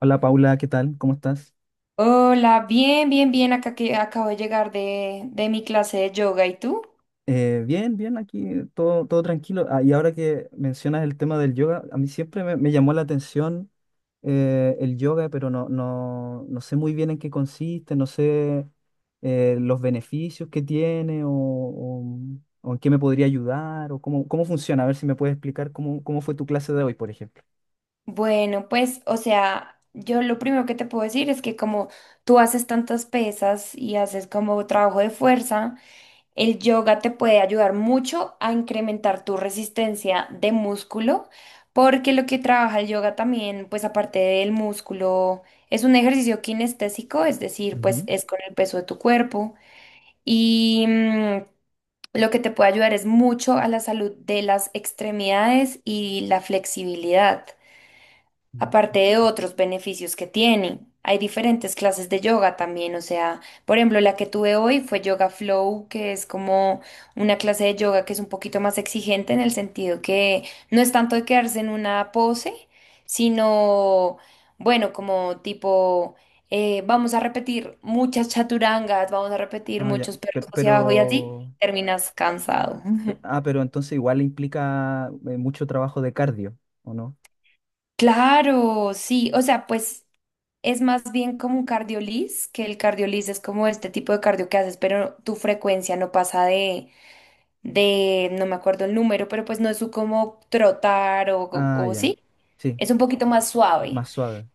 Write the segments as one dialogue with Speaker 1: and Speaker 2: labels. Speaker 1: Hola Paula, ¿qué tal? ¿Cómo estás?
Speaker 2: Hola, bien, bien, bien, acá que acabo de llegar de mi clase de yoga, ¿y tú?
Speaker 1: Bien, bien, aquí todo tranquilo. Ah, y ahora que mencionas el tema del yoga, a mí siempre me llamó la atención el yoga, pero no, no, no sé muy bien en qué consiste, no sé los beneficios que tiene o en qué me podría ayudar o cómo funciona. A ver si me puedes explicar cómo fue tu clase de hoy, por ejemplo.
Speaker 2: Bueno, pues, o sea, yo lo primero que te puedo decir es que como tú haces tantas pesas y haces como trabajo de fuerza, el yoga te puede ayudar mucho a incrementar tu resistencia de músculo, porque lo que trabaja el yoga también, pues aparte del músculo, es un ejercicio kinestésico, es decir, pues
Speaker 1: Ujú.
Speaker 2: es con el peso de tu cuerpo. Y mm, Lo que te puede ayudar es mucho a la salud de las extremidades y la flexibilidad.
Speaker 1: Mm.
Speaker 2: Aparte de otros beneficios que tiene, hay diferentes clases de yoga también, o sea, por ejemplo, la que tuve hoy fue Yoga Flow, que es como una clase de yoga que es un poquito más exigente en el sentido que no es tanto de quedarse en una pose, sino, bueno, como tipo, vamos a repetir muchas chaturangas, vamos a repetir
Speaker 1: Ah, ya,
Speaker 2: muchos perros
Speaker 1: pero, pero,
Speaker 2: hacia abajo y así terminas cansado.
Speaker 1: pe- ah, pero entonces igual implica mucho trabajo de cardio, ¿o no?
Speaker 2: Claro, sí, o sea, pues es más bien como un cardioliz, que el cardioliz es como este tipo de cardio que haces, pero tu frecuencia no pasa de, no me acuerdo el número, pero pues no es su como trotar o, o
Speaker 1: Ah,
Speaker 2: o
Speaker 1: ya.
Speaker 2: sí,
Speaker 1: Sí,
Speaker 2: es un poquito más suave.
Speaker 1: más suave.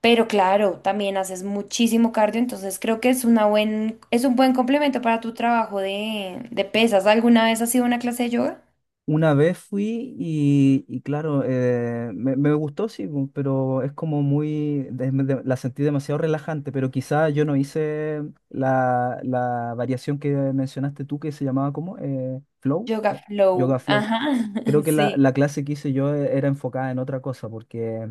Speaker 2: Pero claro, también haces muchísimo cardio, entonces creo que es una buen, es un buen complemento para tu trabajo de pesas. ¿Alguna vez has sido una clase de yoga?
Speaker 1: Una vez fui y claro, me gustó, sí, pero es como la sentí demasiado relajante, pero quizá yo no hice la variación que mencionaste tú que se llamaba como flow,
Speaker 2: Yoga
Speaker 1: yoga
Speaker 2: flow,
Speaker 1: flow.
Speaker 2: ajá,
Speaker 1: Creo que la,
Speaker 2: sí.
Speaker 1: la clase que hice yo era enfocada en otra cosa, porque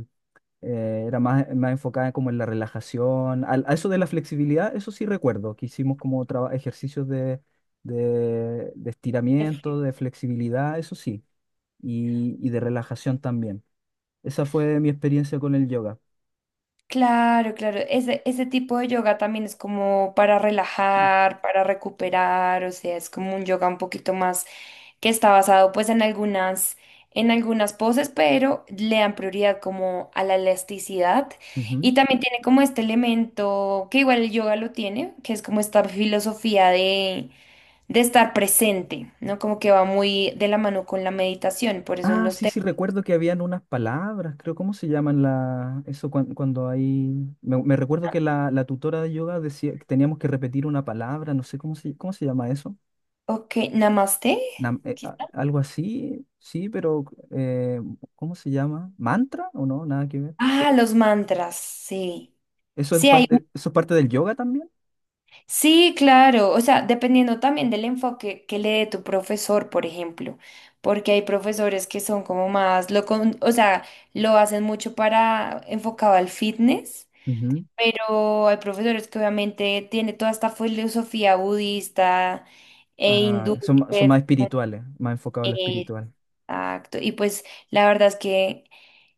Speaker 1: era más enfocada como en la relajación, a eso de la flexibilidad, eso sí recuerdo, que hicimos como ejercicios de estiramiento, de flexibilidad, eso sí, y de relajación también. Esa fue mi experiencia con el yoga.
Speaker 2: Claro, claro. Ese tipo de yoga también es como para relajar, para recuperar, o sea, es como un yoga un poquito más que está basado pues en algunas poses, pero le dan prioridad como a la elasticidad.
Speaker 1: Ujú.
Speaker 2: Y también tiene como este elemento, que igual el yoga lo tiene, que es como esta filosofía de estar presente, ¿no? Como que va muy de la mano con la meditación, por eso en
Speaker 1: Ah,
Speaker 2: los
Speaker 1: sí, sí,
Speaker 2: temas.
Speaker 1: recuerdo que habían unas palabras, creo, ¿cómo se llaman cuando hay… Me recuerdo que la tutora de yoga decía que teníamos que repetir una palabra, no sé cómo se llama eso.
Speaker 2: Ok, namaste. Quizá.
Speaker 1: Algo así, sí, pero eh, ¿cómo se llama? ¿Mantra o no? Nada que ver.
Speaker 2: Ah, los mantras, sí.
Speaker 1: ¿Eso es
Speaker 2: Sí, hay,
Speaker 1: parte, eso es parte del yoga también?
Speaker 2: sí, claro, o sea, dependiendo también del enfoque que le dé tu profesor, por ejemplo, porque hay profesores que son como más, lo con- o sea, lo hacen mucho para enfocado al fitness,
Speaker 1: Ujú.
Speaker 2: pero hay profesores que obviamente tiene toda esta filosofía budista e
Speaker 1: Ah,
Speaker 2: hindú.
Speaker 1: son, ma-
Speaker 2: Que
Speaker 1: son
Speaker 2: es
Speaker 1: más
Speaker 2: como-
Speaker 1: espirituales, más enfocados en lo
Speaker 2: eh,
Speaker 1: espiritual.
Speaker 2: exacto, y pues la verdad es que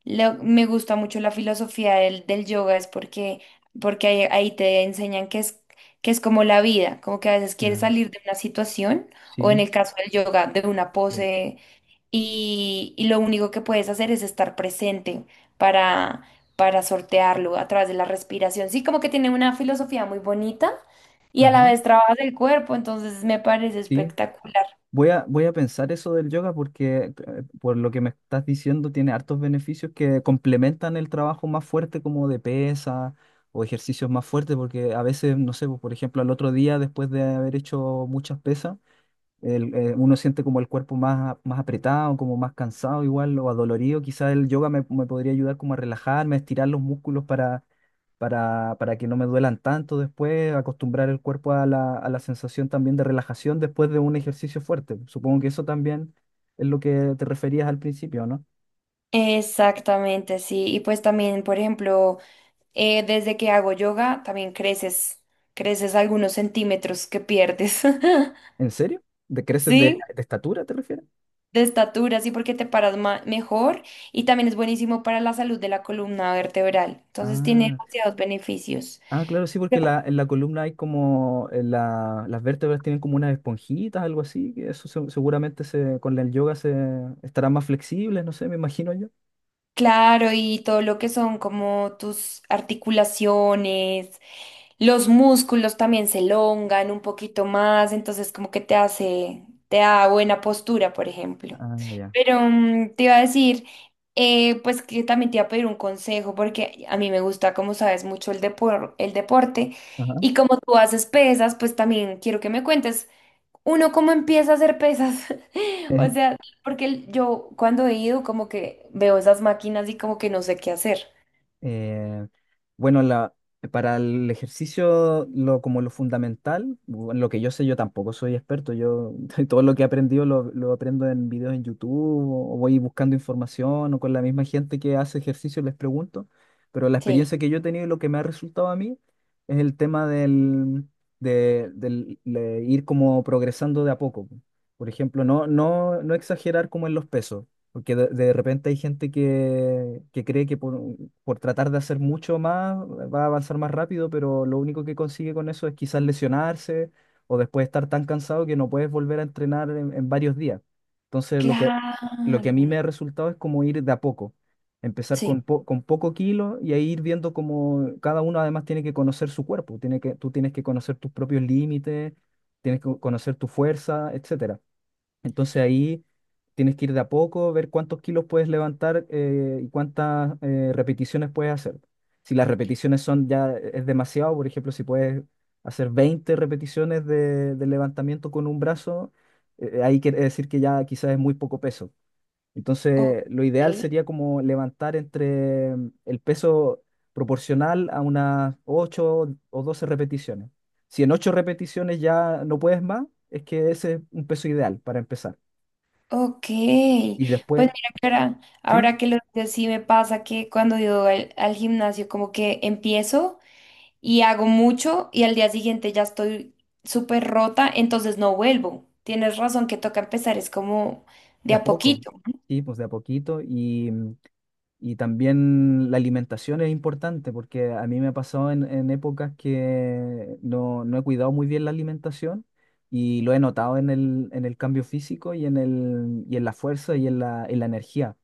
Speaker 2: lo- me gusta mucho la filosofía del yoga, es porque, porque ahí, ahí te enseñan que es como la vida, como que a veces quieres
Speaker 1: Mm,
Speaker 2: salir de una situación o en
Speaker 1: sí,
Speaker 2: el caso del yoga, de una
Speaker 1: lo-
Speaker 2: pose y lo único que puedes hacer es estar presente para, para sortearlo a través de la respiración. Sí, como que tiene una filosofía muy bonita y a la
Speaker 1: ajá,
Speaker 2: vez trabajas el cuerpo, entonces me parece
Speaker 1: sí.
Speaker 2: espectacular.
Speaker 1: Voy a pensar eso del yoga porque por lo que me estás diciendo tiene hartos beneficios que complementan el trabajo más fuerte como de pesa o ejercicios más fuertes porque a veces, no sé, pues, por ejemplo, al otro día después de haber hecho muchas pesas, uno siente como el cuerpo más apretado, como más cansado igual o adolorido. Quizás el yoga me podría ayudar como a relajarme, a estirar los músculos para que no me duelan tanto después, acostumbrar el cuerpo a la sensación también de relajación después de un ejercicio fuerte. Supongo que eso también es lo que te referías al principio, ¿no?
Speaker 2: Exactamente, sí. Y pues también, por ejemplo, desde que hago yoga también creces, creces algunos centímetros que pierdes.
Speaker 1: ¿En serio? ¿De creces de,
Speaker 2: ¿Sí?
Speaker 1: de estatura te refieres?
Speaker 2: De estatura, sí, porque te paras ma- mejor y también es buenísimo para la salud de la columna vertebral. Entonces tiene
Speaker 1: Ah.
Speaker 2: demasiados beneficios.
Speaker 1: Ah, claro, sí, porque en la columna hay como las vértebras tienen como unas esponjitas, algo así, que seguramente con el yoga se estarán más flexibles, no sé, me imagino yo.
Speaker 2: Claro, y todo lo que son como tus articulaciones, los músculos también se elongan un poquito más, entonces como que te hace, te da buena postura, por ejemplo.
Speaker 1: Ah, ya.
Speaker 2: Pero te iba a decir, pues que también te iba a pedir un consejo, porque a mí me gusta, como sabes, mucho el depor- el deporte,
Speaker 1: Ajá.
Speaker 2: y como tú haces pesas, pues también quiero que me cuentes uno cómo empieza a hacer pesas. O sea, porque el- yo cuando he ido como que veo esas máquinas y como que no sé qué hacer.
Speaker 1: Eh, bueno, para el ejercicio, como lo fundamental, bueno, lo que yo sé, yo tampoco soy experto. Yo todo lo que he aprendido lo aprendo en videos en YouTube o voy buscando información o con la misma gente que hace ejercicio les pregunto. Pero la
Speaker 2: Sí,
Speaker 1: experiencia que yo he tenido y lo que me ha resultado a mí es el tema de ir como progresando de a poco. Por ejemplo, no, no, no exagerar como en los pesos. Porque de repente hay gente que cree que por tratar de hacer mucho más va a avanzar más rápido, pero lo único que consigue con eso es quizás lesionarse o después estar tan cansado que no puedes volver a entrenar en varios días. Entonces, lo que a mí
Speaker 2: claro.
Speaker 1: me ha resultado es como ir de a poco, empezar
Speaker 2: Sí.
Speaker 1: con poco kilo y ahí ir viendo cómo cada uno además tiene que conocer su cuerpo, tú tienes que conocer tus propios límites, tienes que conocer tu fuerza, etcétera, entonces ahí tienes que ir de a poco, ver cuántos kilos puedes levantar y cuántas repeticiones puedes hacer. Si las repeticiones son ya es demasiado, por ejemplo, si puedes hacer 20 repeticiones de levantamiento con un brazo, ahí quiere decir que ya quizás es muy poco peso.
Speaker 2: Ok,
Speaker 1: Entonces, lo ideal sería como levantar entre el peso proporcional a unas 8 o 12 repeticiones. Si en 8 repeticiones ya no puedes más, es que ese es un peso ideal para empezar.
Speaker 2: ok.
Speaker 1: Y
Speaker 2: Pues
Speaker 1: después,
Speaker 2: mira que ahora,
Speaker 1: sí,
Speaker 2: ahora que lo dices, sí me pasa que cuando yo al gimnasio como que empiezo y hago mucho y al día siguiente ya estoy súper rota, entonces no vuelvo. Tienes razón que toca empezar, es como de
Speaker 1: de a
Speaker 2: a
Speaker 1: poco,
Speaker 2: poquito.
Speaker 1: sí, pues de a poquito. Y también la alimentación es importante porque a mí me ha pasado en épocas que no, no he cuidado muy bien la alimentación y lo he notado en el cambio físico y y en la fuerza y en la energía.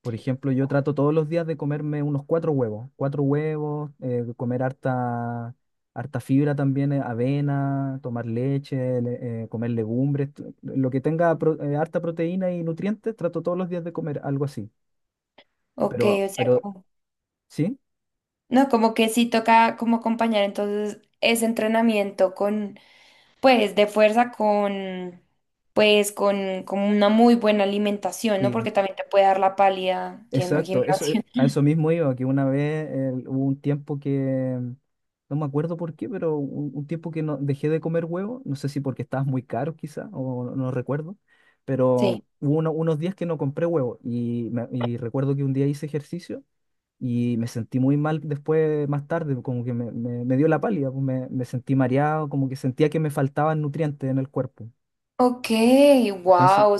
Speaker 1: Por ejemplo, yo trato todos los días de comerme unos cuatro huevos, comer harta, harta fibra también, avena, tomar leche, comer legumbres, lo que tenga harta proteína y nutrientes, trato todos los días de comer algo así.
Speaker 2: Ok,
Speaker 1: Pero,
Speaker 2: o sea,
Speaker 1: pero,
Speaker 2: como...
Speaker 1: ¿sí?
Speaker 2: no, como que sí toca como acompañar entonces ese entrenamiento con, pues, de fuerza con, pues, con una muy buena alimentación, ¿no? Porque también te puede dar la pálida yendo al
Speaker 1: Exacto, eso,
Speaker 2: gimnasio.
Speaker 1: a eso mismo iba, que una vez hubo un tiempo que, no me acuerdo por qué, pero un tiempo que no, dejé de comer huevo, no sé si porque estabas muy caro quizá, o no, no recuerdo,
Speaker 2: Sí.
Speaker 1: pero hubo unos días que no compré huevo y recuerdo que un día hice ejercicio y me sentí muy mal después, más tarde, como que me dio la pálida, pues, me sentí mareado, como que sentía que me faltaban nutrientes en el cuerpo.
Speaker 2: Ok,
Speaker 1: Entonces,
Speaker 2: wow.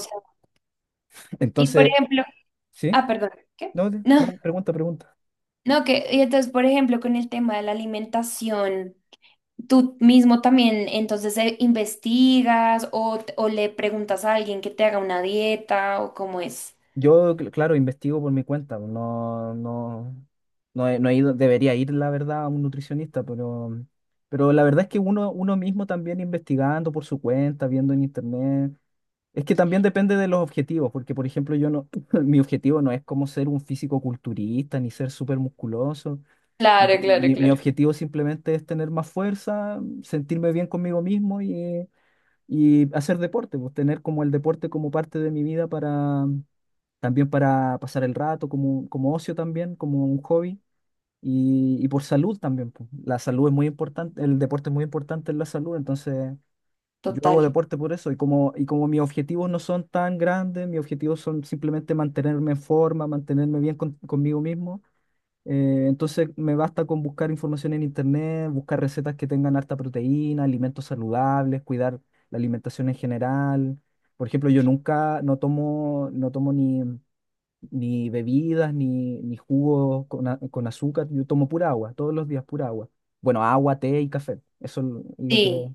Speaker 2: Y por
Speaker 1: entonces,
Speaker 2: ejemplo,
Speaker 1: ¿sí?
Speaker 2: ah, perdón, ¿qué?
Speaker 1: No,
Speaker 2: No,
Speaker 1: no, pregunta, pregunta.
Speaker 2: no, que, y entonces, por ejemplo, con el tema de la alimentación, tú mismo también, entonces, investigas o, t- o le preguntas a alguien que te haga una dieta o cómo es.
Speaker 1: Yo, claro, investigo por mi cuenta, pues, no, no, no he, no he ido, debería ir, la verdad, a un nutricionista, pero, la verdad es que uno mismo también investigando por su cuenta, viendo en internet, es que también depende de los objetivos, porque por ejemplo yo no, mi objetivo no es como ser un físico culturista, ni ser súper musculoso,
Speaker 2: Claro,
Speaker 1: no,
Speaker 2: claro,
Speaker 1: mi
Speaker 2: claro.
Speaker 1: objetivo simplemente es tener más fuerza, sentirme bien conmigo mismo y hacer deporte, pues tener como el deporte como parte de mi vida para también para pasar el rato, como ocio también, como un hobby, y por salud también. Po. La salud es muy importante, el deporte es muy importante en la salud, entonces yo
Speaker 2: Total.
Speaker 1: hago deporte por eso, y como mis objetivos no son tan grandes, mis objetivos son simplemente mantenerme en forma, mantenerme bien conmigo mismo. Entonces me basta con buscar información en internet, buscar recetas que tengan harta proteína, alimentos saludables, cuidar la alimentación en general. Por ejemplo, yo nunca no tomo, no tomo ni bebidas, ni jugos con azúcar. Yo tomo pura agua, todos los días pura agua. Bueno, agua, té y café. Eso es lo que…
Speaker 2: Sí,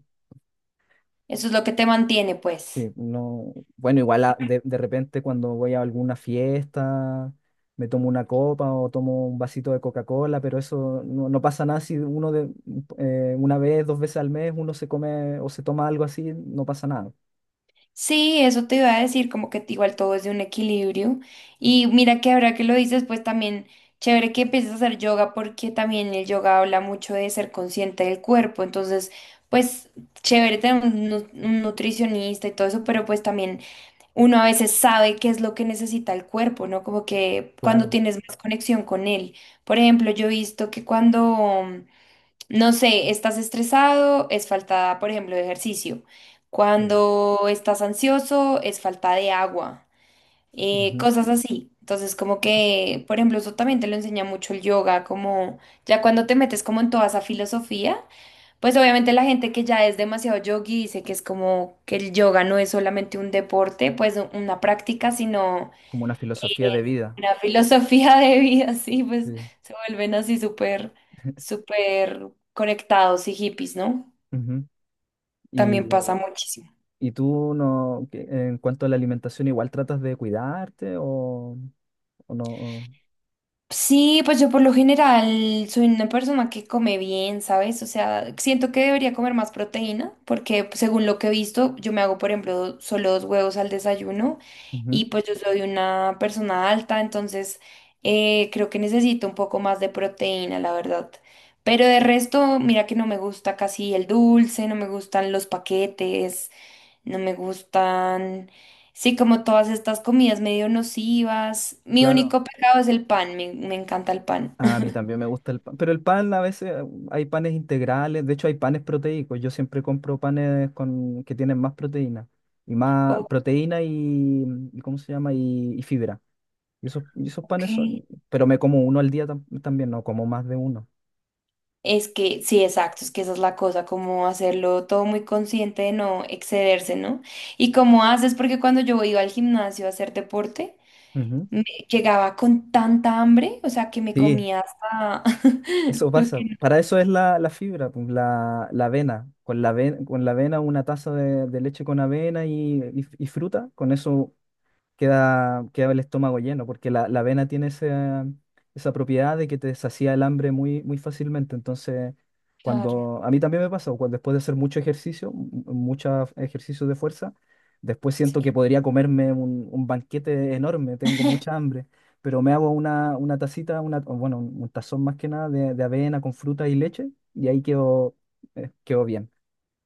Speaker 2: eso es lo que te mantiene, pues.
Speaker 1: Sí, no. Bueno, igual de repente cuando voy a alguna fiesta, me tomo una copa o tomo un vasito de Coca-Cola, pero eso no, no pasa nada si una vez, dos veces al mes, uno se come o se toma algo así, no pasa nada.
Speaker 2: Sí, eso te iba a decir, como que igual todo es de un equilibrio. Y mira que ahora que lo dices, pues también chévere que empieces a hacer yoga porque también el yoga habla mucho de ser consciente del cuerpo. Entonces, pues chévere tener un, nu- un nutricionista y todo eso, pero pues también uno a veces sabe qué es lo que necesita el cuerpo, ¿no? Como que cuando
Speaker 1: Claro,
Speaker 2: tienes más conexión con él. Por ejemplo, yo he visto que cuando no sé, estás estresado, es falta, por ejemplo, de ejercicio.
Speaker 1: sí.
Speaker 2: Cuando estás ansioso, es falta de agua.
Speaker 1: Ujú.
Speaker 2: Cosas así. Entonces, como que, por ejemplo, eso también te lo enseña mucho el yoga, como ya cuando te metes como en toda esa filosofía, pues obviamente la gente que ya es demasiado yogi dice que es como que el yoga no es solamente un deporte, pues u- una práctica, sino
Speaker 1: Como una filosofía de vida.
Speaker 2: una filosofía de vida, sí, pues
Speaker 1: Sí.
Speaker 2: se vuelven así súper, súper conectados y hippies, ¿no?
Speaker 1: Ujú.
Speaker 2: También pasa muchísimo.
Speaker 1: ¿Y tú no, en cuanto a la alimentación, igual tratas de cuidarte o, no? o-
Speaker 2: Sí, pues yo por lo general soy una persona que come bien, ¿sabes? O sea, siento que debería comer más proteína porque pues, según lo que he visto, yo me hago, por ejemplo, solo dos huevos al desayuno
Speaker 1: Ujú.
Speaker 2: y pues yo soy una persona alta, entonces creo que necesito un poco más de proteína, la verdad. Pero de resto, mira que no me gusta casi el dulce, no me gustan los paquetes, no me gustan... sí, como todas estas comidas medio nocivas. Mi
Speaker 1: Claro,
Speaker 2: único pecado es el pan, me encanta el pan.
Speaker 1: a mí también me gusta el pan, pero el pan a veces hay panes integrales, de hecho hay panes proteicos, yo siempre compro panes que tienen más proteína, y más proteína y ¿cómo se llama? Y fibra. Y esos
Speaker 2: Ok.
Speaker 1: panes pero me como uno al día también, no como más de uno.
Speaker 2: Es que, sí, exacto, es que esa es la cosa, como hacerlo todo muy consciente de no excederse, ¿no? Y cómo haces, porque cuando yo iba al gimnasio a hacer deporte,
Speaker 1: Ujú.
Speaker 2: me llegaba con tanta hambre, o sea, que me
Speaker 1: Sí,
Speaker 2: comía hasta
Speaker 1: eso
Speaker 2: lo
Speaker 1: pasa.
Speaker 2: que no.
Speaker 1: Para eso es la fibra, pues, la avena. Con la avena una taza de leche con avena y fruta, con eso queda el estómago lleno, porque la avena tiene esa propiedad de que te sacia el hambre muy, muy fácilmente. Entonces,
Speaker 2: Claro,
Speaker 1: cuando a mí también me pasó, cuando después de hacer mucho ejercicio, muchos ejercicios de fuerza, después siento que
Speaker 2: sí.
Speaker 1: podría comerme un banquete enorme, tengo mucha hambre, pero me hago una tacita, o bueno, un tazón más que nada de avena con fruta y leche, y ahí quedo quedó bien.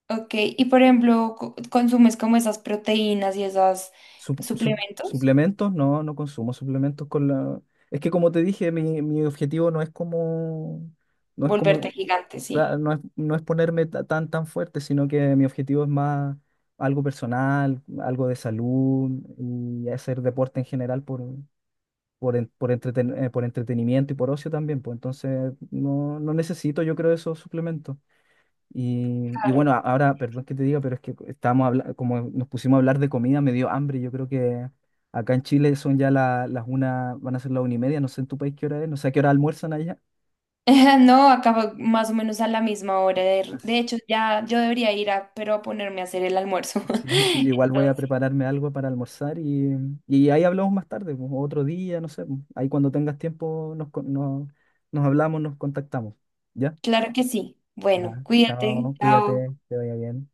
Speaker 2: Ok, y por ejemplo, co- ¿consumes como esas proteínas y esos suplementos?
Speaker 1: Suplementos, no, no consumo suplementos con la… Es que como te dije, mi objetivo no es como, no es
Speaker 2: Volverte
Speaker 1: como,
Speaker 2: gigante, sí.
Speaker 1: no es ponerme tan, tan fuerte, sino que mi objetivo es más algo personal, algo de salud y hacer deporte en general por entretenimiento y por ocio también, pues entonces no, no necesito yo creo esos suplementos. Y
Speaker 2: Claro.
Speaker 1: bueno, ahora, perdón que te diga, pero es que estábamos como nos pusimos a hablar de comida, me dio hambre. Yo creo que acá en Chile son ya las 1, van a ser las 1:30, no sé en tu país qué hora es, no sé a qué hora almuerzan allá.
Speaker 2: No, acaba más o menos a la misma hora. De,
Speaker 1: As-
Speaker 2: de hecho, ya yo debería ir a, pero a ponerme a hacer el almuerzo.
Speaker 1: Sí, sí, igual voy a
Speaker 2: Entonces,
Speaker 1: prepararme algo para almorzar y ahí hablamos más tarde, pues, otro día, no sé, pues, ahí cuando tengas tiempo nos hablamos, nos contactamos, ¿ya?
Speaker 2: claro que sí.
Speaker 1: Ya,
Speaker 2: Bueno, cuídate.
Speaker 1: chao,
Speaker 2: Chao.
Speaker 1: cuídate, te vaya bien.